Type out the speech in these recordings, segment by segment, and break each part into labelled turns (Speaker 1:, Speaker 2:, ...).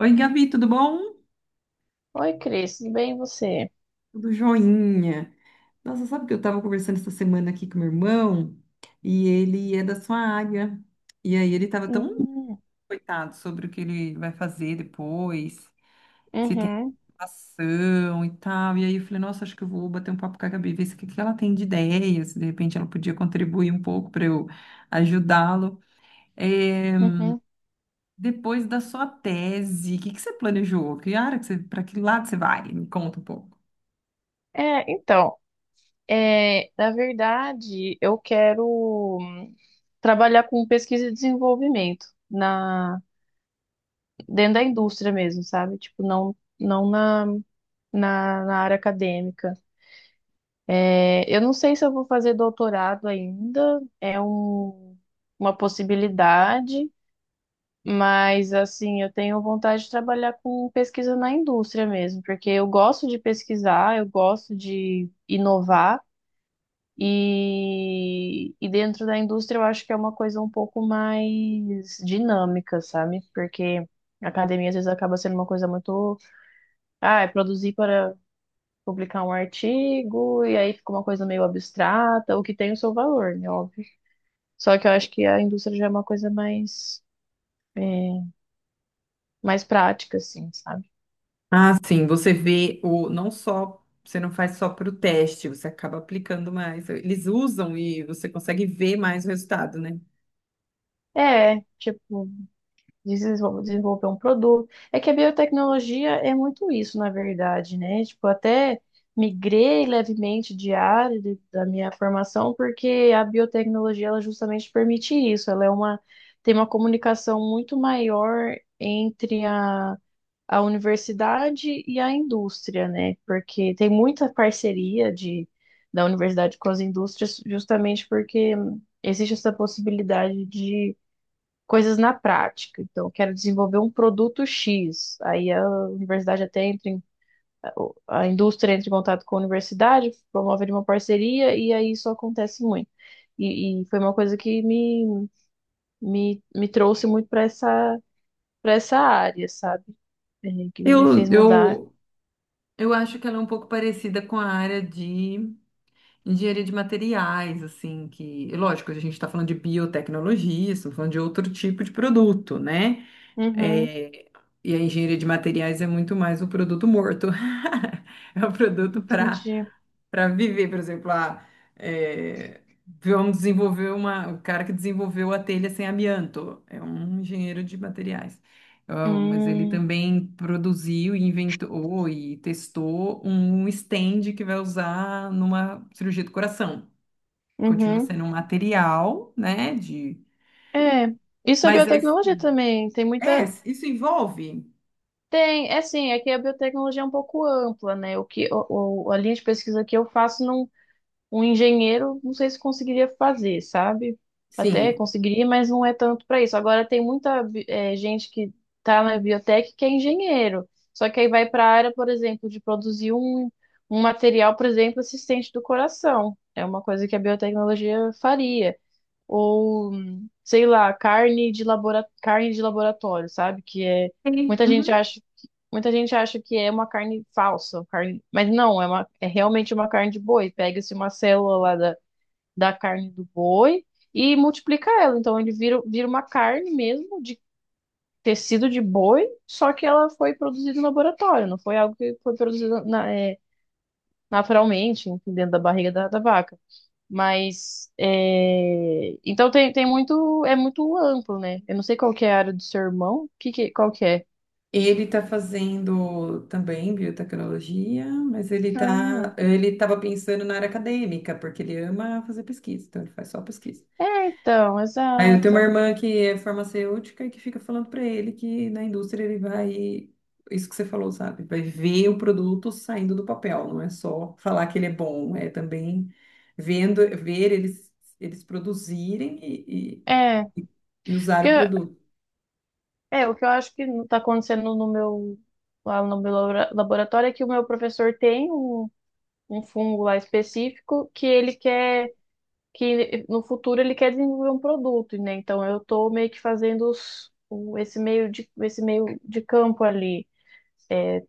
Speaker 1: Oi, Gabi, tudo bom?
Speaker 2: Oi, Cris, tudo bem e você?
Speaker 1: Tudo joinha. Nossa, sabe que eu estava conversando essa semana aqui com meu irmão e ele é da sua área. E aí ele estava tão
Speaker 2: Hum,
Speaker 1: coitado sobre o que ele vai fazer depois, se tem
Speaker 2: uhum,
Speaker 1: ação e tal. E aí eu falei, nossa, acho que eu vou bater um papo com a Gabi, ver se o que que ela tem de ideias, se de repente ela podia contribuir um pouco para eu ajudá-lo. Eh,
Speaker 2: uhum.
Speaker 1: Depois da sua tese, o que que você planejou? Que área que você, para que lado você vai? Me conta um pouco.
Speaker 2: É, então, é, na verdade, eu quero trabalhar com pesquisa e desenvolvimento na, dentro da indústria mesmo, sabe? Tipo, não, não na, na área acadêmica. É, eu não sei se eu vou fazer doutorado ainda, é uma possibilidade. Mas, assim, eu tenho vontade de trabalhar com pesquisa na indústria mesmo, porque eu gosto de pesquisar, eu gosto de inovar, e dentro da indústria eu acho que é uma coisa um pouco mais dinâmica, sabe? Porque a academia às vezes acaba sendo uma coisa muito. Ah, é produzir para publicar um artigo, e aí fica uma coisa meio abstrata, o que tem o seu valor, né? Óbvio. Só que eu acho que a indústria já é uma coisa mais, é, mais prática, assim, sabe?
Speaker 1: Ah, sim, você vê o não só você não faz só para o teste, você acaba aplicando mais. Eles usam e você consegue ver mais o resultado, né?
Speaker 2: É, tipo, desenvolver um produto. É que a biotecnologia é muito isso, na verdade, né? Tipo, até migrei levemente de área da minha formação, porque a biotecnologia, ela justamente permite isso. Tem uma comunicação muito maior entre a universidade e a indústria, né? Porque tem muita parceria da universidade com as indústrias, justamente porque existe essa possibilidade de coisas na prática. Então, eu quero desenvolver um produto X. Aí a universidade até entra em, a indústria entra em contato com a universidade, promove ali uma parceria e aí isso acontece muito. E foi uma coisa que me trouxe muito para para essa área, sabe? É, que me
Speaker 1: Eu,
Speaker 2: fez mudar.
Speaker 1: eu, eu acho que ela é um pouco parecida com a área de engenharia de materiais, assim, que, lógico, a gente está falando de biotecnologia, estamos falando de outro tipo de produto, né?
Speaker 2: Uhum,
Speaker 1: É, e a engenharia de materiais é muito mais o produto morto. É o produto para
Speaker 2: entendi.
Speaker 1: viver, por exemplo, a, é, vamos desenvolver uma, o cara que desenvolveu a telha sem amianto, é um engenheiro de materiais. Ah, mas ele
Speaker 2: Hum,
Speaker 1: também produziu e inventou e testou um stand que vai usar numa cirurgia do coração. Continua
Speaker 2: uhum.
Speaker 1: sendo um material, né? De...
Speaker 2: É, isso é
Speaker 1: Mas
Speaker 2: biotecnologia também.
Speaker 1: é, isso envolve?
Speaker 2: É assim, é que a biotecnologia é um pouco ampla, né? O que o, a linha de pesquisa que eu faço, não, um engenheiro, não sei se conseguiria fazer, sabe? Até
Speaker 1: Sim.
Speaker 2: conseguiria, mas não é tanto para isso. Agora, tem muita gente que está na biotec que é engenheiro, só que aí vai para a área, por exemplo, de produzir um material, por exemplo, assistente do coração. É uma coisa que a biotecnologia faria ou sei lá, carne de laboratório, sabe? Que é
Speaker 1: Sim.
Speaker 2: muita gente
Speaker 1: Uhum.
Speaker 2: acha muita gente acha que é uma carne falsa, carne, mas não, é uma é realmente uma carne de boi. Pega-se uma célula lá da carne do boi e multiplica ela, então ele vira uma carne mesmo de tecido de boi, só que ela foi produzida no laboratório, não foi algo que foi produzido naturalmente, enfim, dentro da barriga da vaca. Mas é, então tem, tem muito é muito amplo, né? Eu não sei qual que é a área do seu irmão, que qual que é?
Speaker 1: Ele está fazendo também biotecnologia, mas ele tá,
Speaker 2: Ah,
Speaker 1: ele estava pensando na área acadêmica, porque ele ama fazer pesquisa, então ele faz só pesquisa.
Speaker 2: é, então,
Speaker 1: Aí eu tenho uma
Speaker 2: exato.
Speaker 1: irmã que é farmacêutica e que fica falando para ele que na indústria ele vai, isso que você falou, sabe? Vai ver o produto saindo do papel, não é só falar que ele é bom, é também vendo, ver eles, eles produzirem
Speaker 2: É,
Speaker 1: e, e usar
Speaker 2: porque
Speaker 1: o produto.
Speaker 2: é o que eu acho que não tá acontecendo no meu lá no meu laboratório é que o meu professor tem um fungo lá específico que ele quer que no futuro ele quer desenvolver um produto, né? Então eu tô meio que fazendo esse meio de campo ali.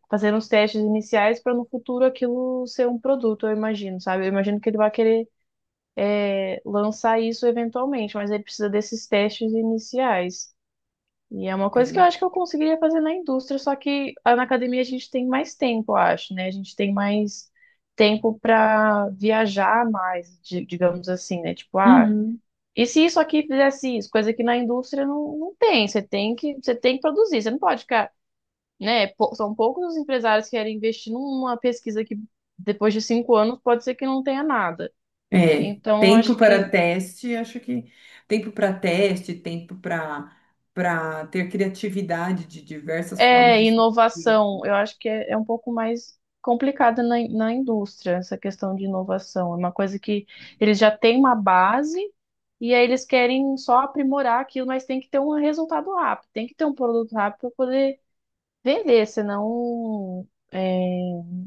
Speaker 2: Fazer uns testes iniciais para no futuro aquilo ser um produto, eu imagino, sabe? Eu imagino que ele vai querer é, lançar isso eventualmente, mas ele precisa desses testes iniciais. E é uma coisa que eu
Speaker 1: Sim.
Speaker 2: acho que eu conseguiria fazer na indústria, só que ah, na academia a gente tem mais tempo, eu acho, né? A gente tem mais tempo para viajar mais, digamos assim, né? Tipo, ah,
Speaker 1: Uhum.
Speaker 2: e se isso aqui fizesse isso? Coisa que na indústria não, não tem. Você tem que produzir, você não pode ficar né? São poucos os empresários que querem investir numa pesquisa que depois de 5 anos pode ser que não tenha nada.
Speaker 1: É,
Speaker 2: Então,
Speaker 1: tempo
Speaker 2: acho
Speaker 1: para
Speaker 2: que
Speaker 1: teste, acho que tempo para teste, tempo para ter criatividade de diversas formas
Speaker 2: é
Speaker 1: de se fazer.
Speaker 2: inovação, eu acho que é um pouco mais complicada na, na indústria, essa questão de inovação. É uma coisa que eles já têm uma base e aí eles querem só aprimorar aquilo, mas tem que ter um resultado rápido, tem que ter um produto rápido para poder vender, senão é,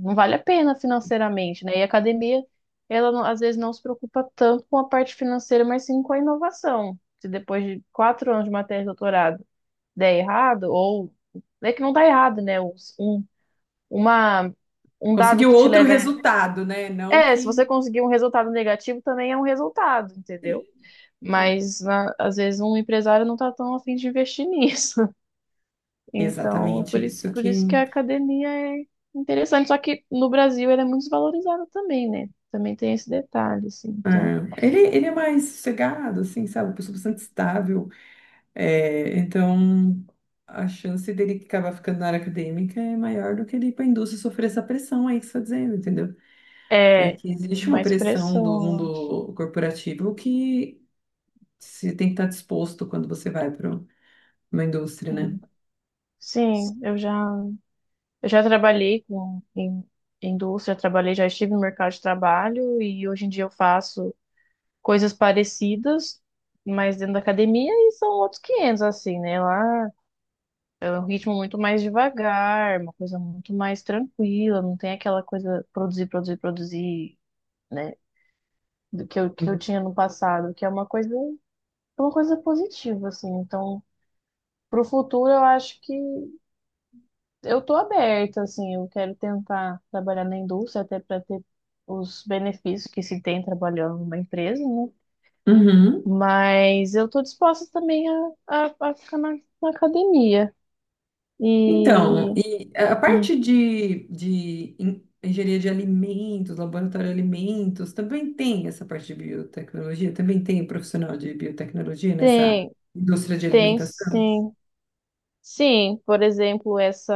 Speaker 2: não vale a pena financeiramente, né? E a academia, ela não- às vezes não se preocupa tanto com a parte financeira, mas sim com a inovação. Se depois de 4 anos de matéria de doutorado der errado, ou é que não dá errado, né? Uma, Um dado
Speaker 1: Conseguiu
Speaker 2: que te
Speaker 1: outro
Speaker 2: leva.
Speaker 1: resultado, né? Não
Speaker 2: É, se você
Speaker 1: que.
Speaker 2: conseguir um resultado negativo, também é um resultado,
Speaker 1: Sim,
Speaker 2: entendeu?
Speaker 1: sim.
Speaker 2: Mas às vezes um empresário não tá tão afim de investir nisso. Então,
Speaker 1: Exatamente
Speaker 2: por isso,
Speaker 1: isso
Speaker 2: por
Speaker 1: que.
Speaker 2: isso que a academia é interessante. Só que no Brasil ela é muito desvalorizada também, né? Também tem esse detalhe, assim.
Speaker 1: É,
Speaker 2: Então,
Speaker 1: ele é mais sossegado, assim, sabe? Uma pessoa bastante estável. É, então, a chance dele acabar ficando na área acadêmica é maior do que ele ir para a indústria e sofrer essa pressão aí que você está dizendo, entendeu?
Speaker 2: é
Speaker 1: Porque existe uma
Speaker 2: mais
Speaker 1: pressão
Speaker 2: pressão,
Speaker 1: do
Speaker 2: eu acho.
Speaker 1: mundo corporativo que você tem que estar disposto quando você vai para uma indústria, né?
Speaker 2: Sim, eu já trabalhei em indústria, trabalhei, já estive no mercado de trabalho e hoje em dia eu faço coisas parecidas, mas dentro da academia e são outros 500, assim, né? Lá é um ritmo muito mais devagar, uma coisa muito mais tranquila, não tem aquela coisa produzir, produzir, produzir, né? do que eu
Speaker 1: Uhum.
Speaker 2: tinha no passado, que é uma coisa positiva, assim. Então, pro futuro, eu acho que eu tô aberta, assim. Eu quero tentar trabalhar na indústria, até para ter os benefícios que se tem trabalhando numa empresa, né?
Speaker 1: Uhum.
Speaker 2: Mas eu tô disposta também a ficar na academia.
Speaker 1: Então,
Speaker 2: E
Speaker 1: e a
Speaker 2: hum,
Speaker 1: parte de en- engenharia de alimentos, laboratório de alimentos, também tem essa parte de biotecnologia? Também tem profissional de biotecnologia nessa
Speaker 2: tem,
Speaker 1: indústria de
Speaker 2: tem
Speaker 1: alimentação?
Speaker 2: sim. Sim, por exemplo, essa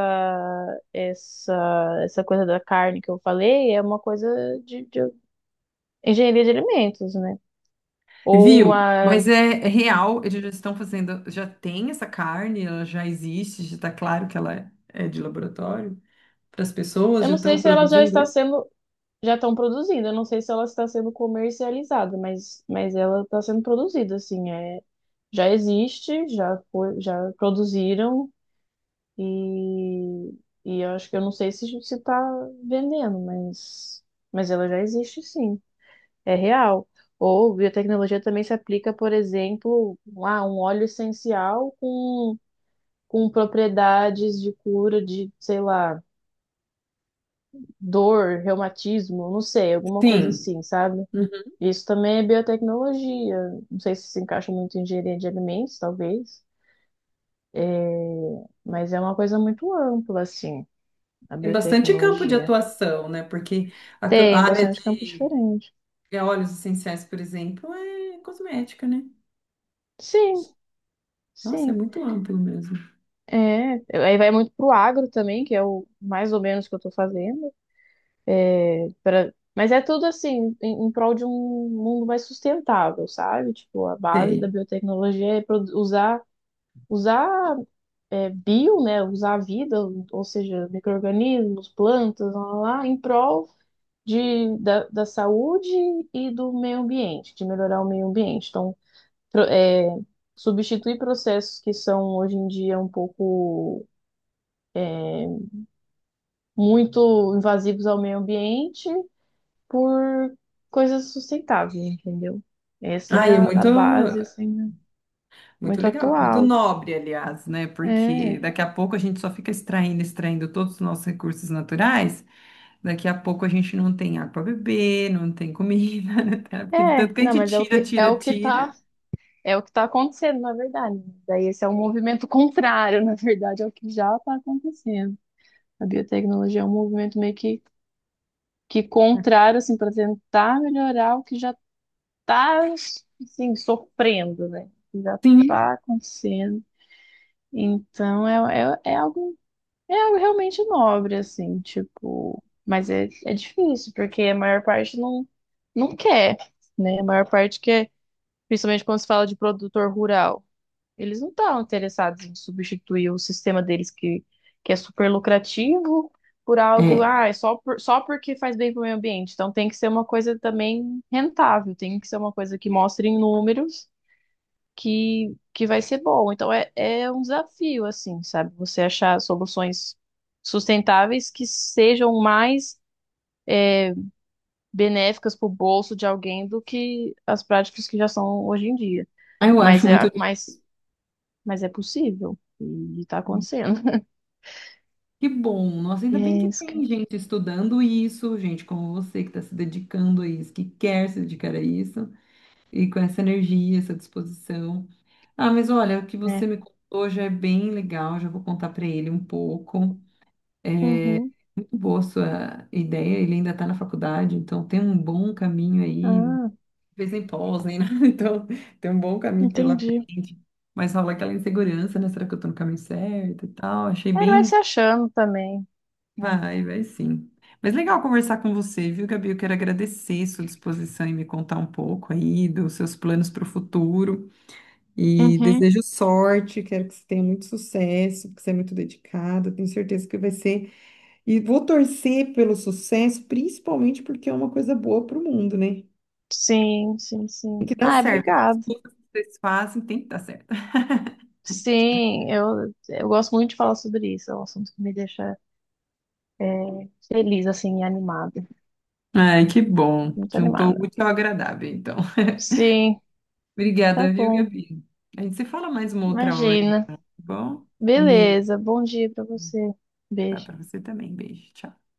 Speaker 2: essa essa coisa da carne que eu falei é uma coisa de engenharia de alimentos, né? Ou
Speaker 1: Viu?
Speaker 2: uma,
Speaker 1: Mas é real, eles já estão fazendo, já tem essa carne, ela já existe, já está claro que ela é de laboratório para as pessoas,
Speaker 2: eu
Speaker 1: já
Speaker 2: não sei
Speaker 1: estão
Speaker 2: se ela já
Speaker 1: produzindo
Speaker 2: está
Speaker 1: isso?
Speaker 2: sendo, já estão produzindo, eu não sei se ela está sendo comercializada, mas ela está sendo produzida, assim, é, já existe, já foi, já produziram e e eu acho que eu não sei se está vendendo, mas ela já existe, sim. É real. Ou biotecnologia também se aplica, por exemplo, a um óleo essencial com propriedades de cura de, sei lá, dor, reumatismo, não sei, alguma coisa
Speaker 1: Sim.
Speaker 2: assim, sabe?
Speaker 1: Uhum.
Speaker 2: Isso também é biotecnologia. Não sei se encaixa muito em engenharia de alimentos, talvez, É, mas é uma coisa muito ampla, assim, a
Speaker 1: Tem bastante campo de
Speaker 2: biotecnologia.
Speaker 1: atuação, né? Porque a, ca-
Speaker 2: Tem
Speaker 1: a área
Speaker 2: bastante campo
Speaker 1: de
Speaker 2: diferente.
Speaker 1: é, óleos essenciais, por exemplo, é cosmética, né?
Speaker 2: Sim,
Speaker 1: Nossa, é
Speaker 2: sim.
Speaker 1: muito amplo mesmo.
Speaker 2: É, aí vai muito pro agro também, que é o mais ou menos que eu tô fazendo. Pra... Mas é tudo assim, em prol de um mundo mais sustentável, sabe? Tipo, a base da
Speaker 1: Sei.
Speaker 2: biotecnologia é usar, usar é, bio, né? Usar a vida, ou seja, micro-organismos, plantas, lá, lá, lá, em prol da saúde e do meio ambiente, de melhorar o meio ambiente. Então, pro- é, substituir processos que são hoje em dia um pouco muito invasivos ao meio ambiente por coisas sustentáveis, entendeu? Essa
Speaker 1: Ai,
Speaker 2: é a base, assim, né?
Speaker 1: muito
Speaker 2: Muito
Speaker 1: legal, muito
Speaker 2: atual.
Speaker 1: nobre, aliás, né? Porque
Speaker 2: É,
Speaker 1: daqui a pouco a gente só fica extraindo, extraindo todos os nossos recursos naturais. Daqui a pouco a gente não tem água para beber, não tem comida, né? Porque de tanto que a
Speaker 2: não,
Speaker 1: gente
Speaker 2: mas é o
Speaker 1: tira,
Speaker 2: que
Speaker 1: tira, tira.
Speaker 2: é o que tá acontecendo, na verdade, né? Daí esse é um movimento contrário, na verdade, ao que já está acontecendo. A biotecnologia é um movimento meio que contrário, assim, para tentar melhorar o que já está, assim, sofrendo, né? O que já
Speaker 1: Sim,
Speaker 2: está acontecendo. Então, É algo realmente nobre, assim, tipo. Mas é difícil, porque a maior parte não, não quer, né? A maior parte quer, principalmente quando se fala de produtor rural. Eles não estão interessados em substituir o sistema deles, que é super lucrativo, por algo,
Speaker 1: é.
Speaker 2: ah, é só, só porque faz bem para o meio ambiente. Então tem que ser uma coisa também rentável, tem que ser uma coisa que mostre em números que vai ser bom. Então é um desafio, assim, sabe? Você achar soluções sustentáveis que sejam mais benéficas para o bolso de alguém do que as práticas que já são hoje em dia.
Speaker 1: Ah, eu
Speaker 2: Mas
Speaker 1: acho muito
Speaker 2: é, mas, mas é possível e está
Speaker 1: lindo.
Speaker 2: acontecendo.
Speaker 1: Que bom. Nossa,
Speaker 2: E
Speaker 1: ainda bem que
Speaker 2: é isso que
Speaker 1: tem gente estudando isso, gente como você que está se dedicando a isso, que quer se dedicar a isso, e com essa energia, essa disposição. Ah, mas olha, o que você
Speaker 2: é.
Speaker 1: me contou já é bem legal, já vou contar para ele um pouco. É
Speaker 2: Uhum.
Speaker 1: muito boa a sua ideia, ele ainda está na faculdade, então tem um bom caminho aí,
Speaker 2: Ah,
Speaker 1: fez nem pós, nem nada, então tem um bom caminho pela
Speaker 2: entendi.
Speaker 1: frente. Mas rola aquela insegurança, né? Será que eu tô no caminho certo e tal? Achei
Speaker 2: É, ele vai
Speaker 1: bem.
Speaker 2: se achando também, né?
Speaker 1: Vai, vai sim. Mas legal conversar com você, viu, Gabi? Eu quero agradecer sua disposição em me contar um pouco aí dos seus planos para o futuro. E
Speaker 2: Uhum.
Speaker 1: desejo sorte, quero que você tenha muito sucesso, porque você é muito dedicado tenho certeza que vai ser. E vou torcer pelo sucesso, principalmente porque é uma coisa boa para o mundo, né?
Speaker 2: Sim, sim,
Speaker 1: Tem
Speaker 2: sim.
Speaker 1: que dar
Speaker 2: Ah,
Speaker 1: certo. As
Speaker 2: obrigado.
Speaker 1: coisas que vocês fazem tem que dar certo.
Speaker 2: Sim, eu gosto muito de falar sobre isso. É um assunto que me deixa é, feliz, assim, e animada.
Speaker 1: Ai, que bom.
Speaker 2: Muito
Speaker 1: Juntou o
Speaker 2: animada.
Speaker 1: útil ao agradável, então.
Speaker 2: Sim, tá
Speaker 1: Obrigada, viu,
Speaker 2: bom.
Speaker 1: Gabi? A gente se fala mais uma outra hora,
Speaker 2: Imagina.
Speaker 1: então, tá bom? Um beijo,
Speaker 2: Beleza. Bom dia pra você.
Speaker 1: tá?
Speaker 2: Beijo.
Speaker 1: Pra você também. Beijo, tchau.